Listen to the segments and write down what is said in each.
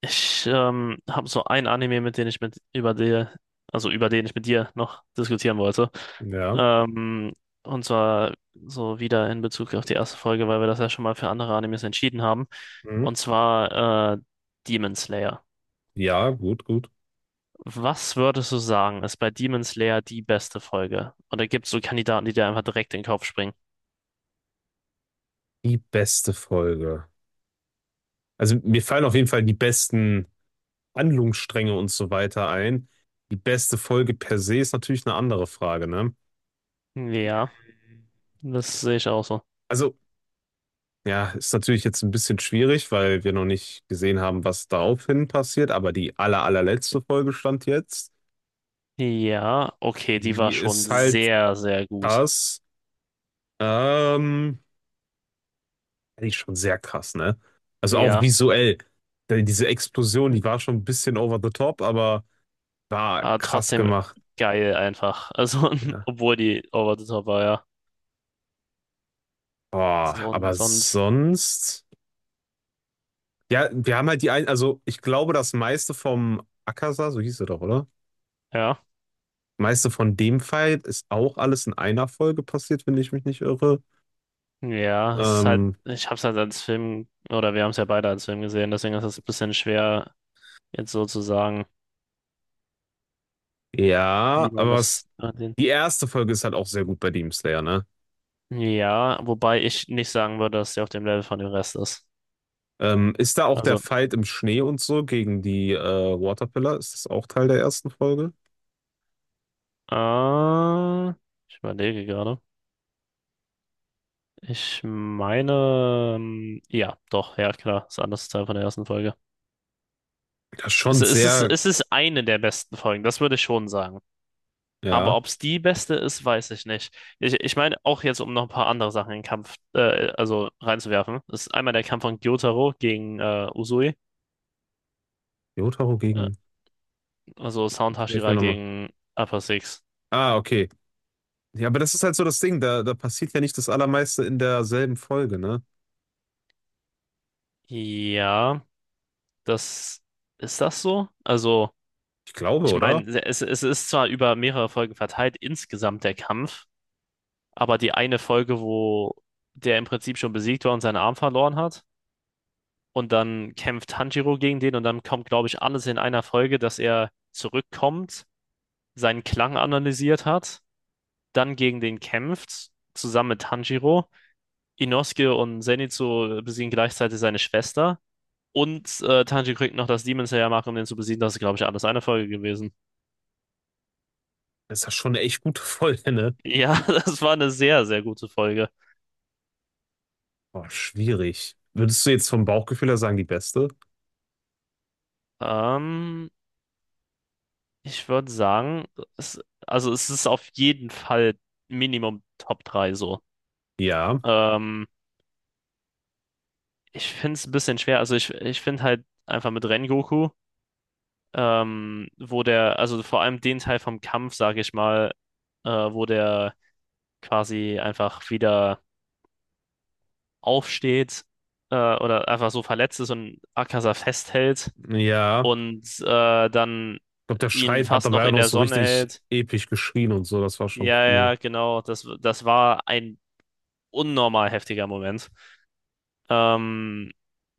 Ich habe so ein Anime, mit dem ich mit über dir, also über den ich mit dir noch diskutieren wollte. Ja. Ähm, und zwar so wieder in Bezug auf die erste Folge, weil wir das ja schon mal für andere Animes entschieden haben. Mhm. Und zwar Demon Slayer. Ja, gut, gut. Was würdest du sagen, ist bei Demon Slayer die beste Folge? Oder gibt es so Kandidaten, die dir einfach direkt in den Kopf springen? Die beste Folge. Also mir fallen auf jeden Fall die besten Handlungsstränge und so weiter ein. Die beste Folge per se ist natürlich eine andere Frage, ne? Ja, das sehe ich auch so. Also, ja, ist natürlich jetzt ein bisschen schwierig, weil wir noch nicht gesehen haben, was daraufhin passiert, aber die allerletzte Folge stand jetzt. Ja, okay, die war Die schon ist halt sehr, sehr gut. krass. Ähm, die ist schon sehr krass, ne? Also auch Ja. visuell. Denn diese Explosion, die war schon ein bisschen over the top, aber. War Aber krass trotzdem gemacht. geil einfach. Also, Ja. obwohl die over the top war, ja. Das ist Boah, aber sonst, sonst. Ja, wir haben halt also ich glaube, das meiste vom Akaza, so hieß er doch, oder? ja. Meiste von dem Fight ist auch alles in einer Folge passiert, wenn ich mich nicht irre. Ja, es ist halt, Ähm, ich hab's halt als Film, oder wir haben es ja beide als Film gesehen, deswegen ist es ein bisschen schwer, jetzt so zu sagen, wie ja, man das. Die erste Folge ist halt auch sehr gut bei Demon Slayer, ne? Ja, wobei ich nicht sagen würde, dass der auf dem Level von dem Rest ist. Ist da auch der Also, Fight im Schnee und so gegen die Waterpillar? Ist das auch Teil der ersten Folge? äh, ich überlege gerade. Ich meine, ja, doch, ja, klar, ist ein anderes Teil von der ersten Folge. Das ist Es, schon es ist, sehr, es ist eine der besten Folgen, das würde ich schon sagen. Aber ja. ob es die beste ist, weiß ich nicht. Ich meine, auch jetzt, um noch ein paar andere Sachen in den Kampf, also reinzuwerfen, ist einmal der Kampf von Gyotaro gegen Uzui, Jotaro äh, gegen. also Sound Hilf mir Hashira nochmal. gegen Upper Six. Ah, okay. Ja, aber das ist halt so das Ding, da passiert ja nicht das Allermeiste in derselben Folge, ne? Ja, das ist das so? Also, Ich glaube, ich oder? meine, es ist zwar über mehrere Folgen verteilt, insgesamt der Kampf, aber die eine Folge, wo der im Prinzip schon besiegt war und seinen Arm verloren hat. Und dann kämpft Tanjiro gegen den und dann kommt, glaube ich, alles in einer Folge, dass er zurückkommt, seinen Klang analysiert hat, dann gegen den kämpft, zusammen mit Tanjiro. Inosuke und Zenitsu besiegen gleichzeitig seine Schwester. Und Tanjiro kriegt noch das Demon Slayer Mark, um den zu besiegen. Das ist, glaube ich, alles eine Folge gewesen. Das ist ja schon eine echt gute Folge, ne? Ja, das war eine sehr, sehr gute Folge. Boah, schwierig. Würdest du jetzt vom Bauchgefühl her sagen, die beste? Ähm, ich würde sagen, es, also es ist auf jeden Fall Minimum Top 3 so. Ja, Ähm, Ich finde es ein bisschen schwer. Also ich finde halt einfach mit Rengoku, wo der, also vor allem den Teil vom Kampf, sage ich mal, wo der quasi einfach wieder aufsteht, oder einfach so verletzt ist und Akaza festhält ja. und dann Ich glaube, der ihn Schreit hat fast noch dabei auch in noch der so Sonne richtig hält. episch geschrien und so, das war schon Ja, cool. ja, genau. Das war ein unnormal heftiger Moment. Ähm,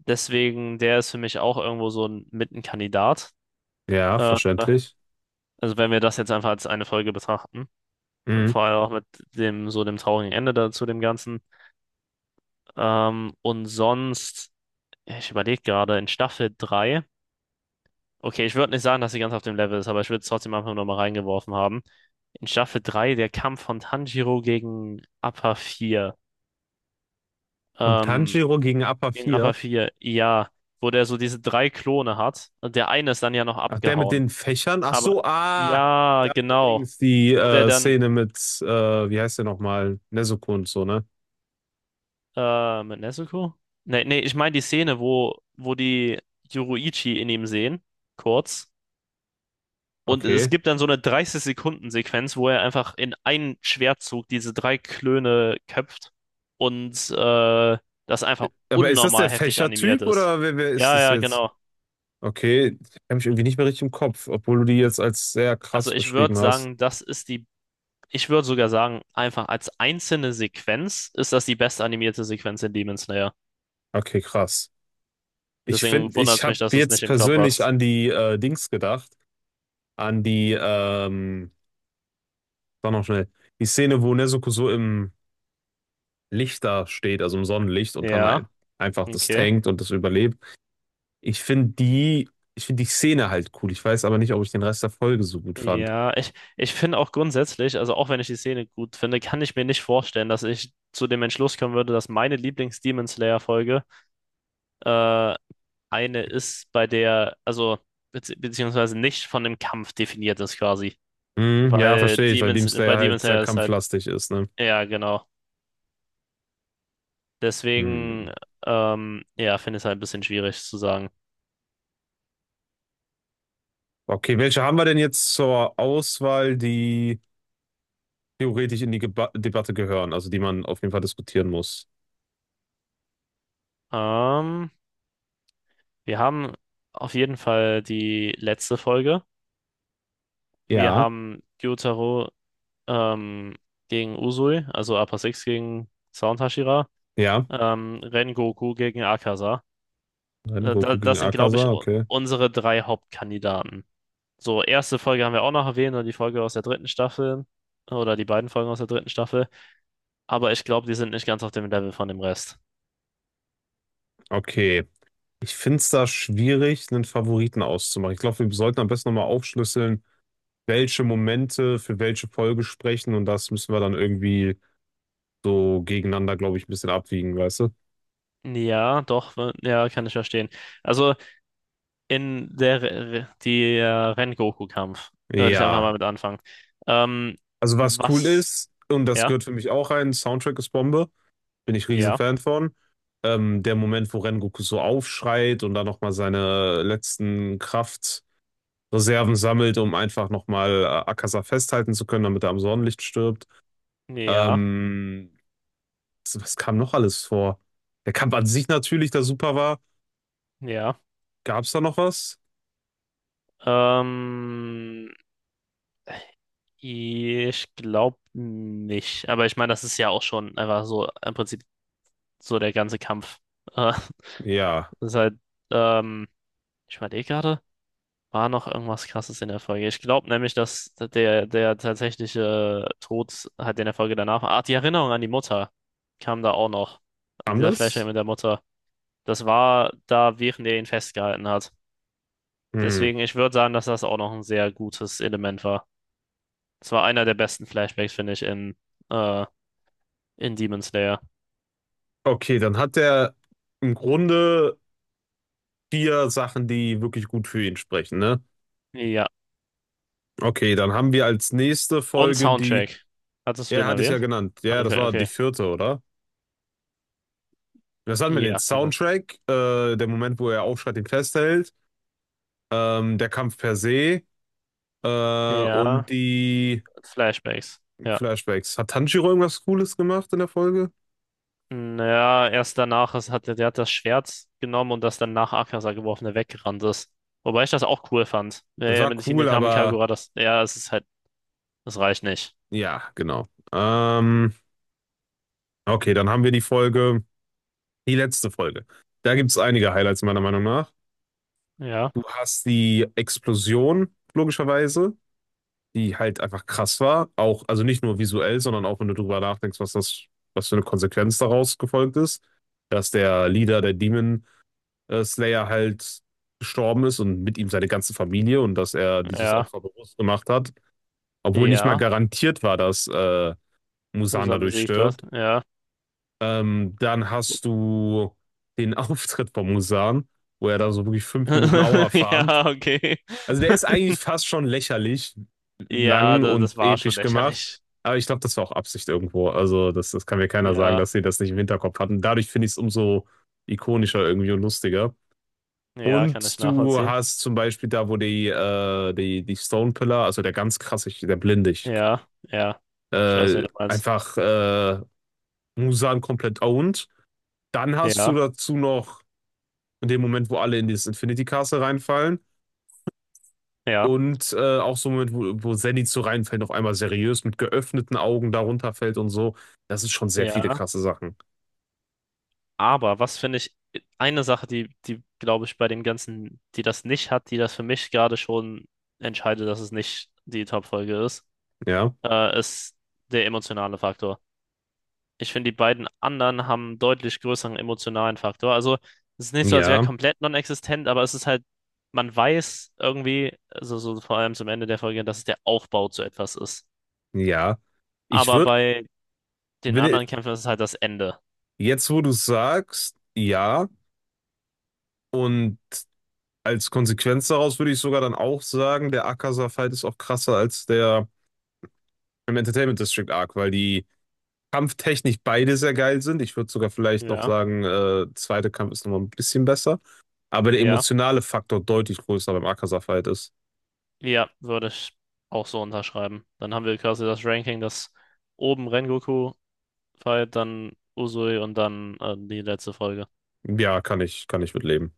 deswegen, der ist für mich auch irgendwo so ein Mittenkandidat. Ja, Äh, verständlich. Also wenn wir das jetzt einfach als eine Folge betrachten, Mhm. vor allem auch mit dem so dem traurigen Ende da zu dem Ganzen. Und sonst, ich überlege gerade, in Staffel 3, okay, ich würde nicht sagen, dass sie ganz auf dem Level ist, aber ich würde es trotzdem einfach nur mal reingeworfen haben. In Staffel 3 der Kampf von Tanjiro Und Ähm, Tanjiro gegen Appa gegen Appa 4. vier, ja, wo der so diese drei Klone hat. Und der eine ist dann ja noch Ach, der mit abgehauen. den Fächern? Ach Aber so, ah! ja, genau. Dings, die Wo der dann, Szene mit, äh, wie heißt der nochmal? Nezuko und so, ne? Mit Nezuko? Nee, nee, ich meine die Szene, wo die Yoruichi in ihm sehen, kurz. Und es Okay. gibt dann so eine 30 Sekunden Sequenz, wo er einfach in einen Schwertzug diese drei Klöne köpft und das einfach Aber ist das der unnormal heftig animiert Fächertyp ist. oder wer ist Ja, das ja, jetzt? genau. Okay, ich habe mich irgendwie nicht mehr richtig im Kopf, obwohl du die jetzt als sehr Also krass ich würde beschrieben hast. sagen, das ist die, ich würde sogar sagen, einfach als einzelne Sequenz ist das die bestanimierte Sequenz in Demon Slayer. Okay, krass. Ich Deswegen finde, wundert ich es mich, habe dass du es nicht jetzt im Kopf persönlich hast. an die Dings gedacht, an die, sag noch schnell, die Szene, wo Nezuko so im Licht da steht, also im Sonnenlicht und dann Ja, halt einfach das okay. tankt und das überlebt. Ich finde die, ich finde die Szene halt cool. Ich weiß aber nicht, ob ich den Rest der Folge so gut fand. Ja, ich finde auch grundsätzlich, also auch wenn ich die Szene gut finde, kann ich mir nicht vorstellen, dass ich zu dem Entschluss kommen würde, dass meine Lieblings-Demon Slayer-Folge äh, eine ist, bei der, also beziehungsweise nicht von dem Kampf definiert ist quasi. Hm, ja, Weil verstehe ich, weil Demon bei Slayer Demon halt sehr Slayer ist halt, kampflastig ist, ne? ja, genau. Deswegen, Hm. Ja, finde ich es halt ein bisschen schwierig zu sagen. Okay, welche haben wir denn jetzt zur Auswahl, die theoretisch in die Geba Debatte gehören, also die man auf jeden Fall diskutieren muss? Ähm, wir haben auf jeden Fall die letzte Folge. Wir Ja. haben Gyutaro, ähm, gegen Uzui, also Upper Six gegen Sound Hashira, Ja, Rengoku gegen Akaza. Rengoku Da, Goku gegen das sind, glaube Akaza, ich, okay. unsere drei Hauptkandidaten. So, erste Folge haben wir auch noch erwähnt und die Folge aus der dritten Staffel oder die beiden Folgen aus der dritten Staffel, aber ich glaube, die sind nicht ganz auf dem Level von dem Rest. Okay, ich finde es da schwierig, einen Favoriten auszumachen. Ich glaube, wir sollten am besten nochmal aufschlüsseln, welche Momente für welche Folge sprechen und das müssen wir dann irgendwie so gegeneinander, glaube ich, ein bisschen abwiegen, weißt du? Ja, doch, ja, kann ich verstehen. Also die Rengoku-Kampf würde ich einfach Ja, mal mit anfangen. Ähm, also was cool was? ist, und das Ja, gehört für mich auch rein, Soundtrack ist Bombe. Bin ich riesen ja, Fan von. Der Moment, wo Rengoku so aufschreit und dann nochmal seine letzten Kraftreserven sammelt, um einfach nochmal Akaza festhalten zu können, damit er am Sonnenlicht stirbt. ja, Ähm, was kam noch alles vor? Der Kampf an sich natürlich, der super war. ja. Gab es da noch was? Ähm, ich glaube nicht. Aber ich meine, das ist ja auch schon einfach so im Prinzip so der ganze Kampf. Äh, Ja. das ist halt, ähm, ich überlege gerade, war noch irgendwas Krasses in der Folge? Ich glaube nämlich, dass der tatsächliche Tod halt in der Folge danach war. Ah, die Erinnerung an die Mutter kam da auch noch. Also Kam dieser Flashback das? mit der Mutter. Das war da, während er ihn festgehalten hat. Hm. Deswegen, ich würde sagen, dass das auch noch ein sehr gutes Element war. Das war einer der besten Flashbacks, finde ich, äh, in Demon Slayer. Okay, dann hat er im Grunde vier Sachen, die wirklich gut für ihn sprechen, ne? Ja. Okay, dann haben wir als nächste Und Folge die. Soundtrack. Hattest du Ja, den hatte ich ja erwähnt? genannt. Ja, das Okay, war die okay. vierte, oder? Das hatten wir den Ja, kann er. Soundtrack, der Moment, wo er aufschreit, ihn festhält, der Kampf per se und Ja, die Flashbacks. Ja. Flashbacks. Hat Tanjiro irgendwas Cooles gemacht in der Folge? Naja, erst danach hat, der hat das Schwert genommen und das dann nach Akaza geworfen, der weggerannt ist. Wobei ich das auch cool fand. Ja, Das ja, war mit cool, Hinekami aber Kagura, das, ja, es ist halt, das reicht nicht. ja, genau. Okay, dann haben wir die Folge, die letzte Folge. Da gibt es einige Highlights meiner Meinung nach. Ja, Du hast die Explosion, logischerweise, die halt einfach krass war. Auch, also nicht nur visuell, sondern auch wenn du drüber nachdenkst, was für eine Konsequenz daraus gefolgt ist, dass der Leader der Demon Slayer halt gestorben ist und mit ihm seine ganze Familie und dass er dieses ja, Opfer bewusst gemacht hat, obwohl nicht mal ja. garantiert war, dass Musan Muzan dadurch besiegt was? stirbt. Ja. Dann hast du den Auftritt von Musan, wo er da so wirklich 5 Minuten Aura farmt. Ja, okay. Also der ist eigentlich fast schon lächerlich Ja, lang das und war schon episch gemacht. lächerlich. Aber ich glaube, das war auch Absicht irgendwo. Also das kann mir keiner sagen, Ja, dass sie das nicht im Hinterkopf hatten. Dadurch finde ich es umso ikonischer irgendwie und lustiger. ja, kann ich Und du nachvollziehen. hast zum Beispiel da, wo die Stone Pillar, also der ganz krasse, der Blinde, Ja, ja. Ich weiß, wie du meinst. einfach Musan komplett owned. Dann hast du Ja, dazu noch in dem Moment, wo alle in dieses Infinity Castle reinfallen. ja, Und auch so mit, wo Zenith so reinfällt, auf einmal seriös mit geöffneten Augen darunter fällt und so. Das ist schon sehr viele ja. krasse Sachen. Aber was finde ich, eine Sache, die, die glaube ich bei dem Ganzen, die das nicht hat, die das für mich gerade schon entscheidet, dass es nicht die Top-Folge ist, Ja, ist der emotionale Faktor. Ich finde, die beiden anderen haben einen deutlich größeren emotionalen Faktor. Also, es ist nicht so, als wäre ja, komplett non-existent, aber es ist halt, man weiß irgendwie, also so vor allem zum Ende der Folge, dass es der Aufbau zu etwas ist. ja. Ich Aber würde, bei den wenn i- anderen Kämpfen ist es halt das Ende. jetzt, wo du es sagst, ja. Und als Konsequenz daraus würde ich sogar dann auch sagen, der Akaza-Fight ist auch krasser als der im Entertainment District Arc, weil die kampftechnisch beide sehr geil sind. Ich würde sogar vielleicht noch Ja, sagen, zweite Kampf ist nochmal ein bisschen besser. Aber der ja, emotionale Faktor deutlich größer beim Akaza-Fight ist. ja, würde ich auch so unterschreiben. Dann haben wir quasi das Ranking, das oben Rengoku fight, dann Uzui und dann die letzte Folge. Ja, kann ich mit leben.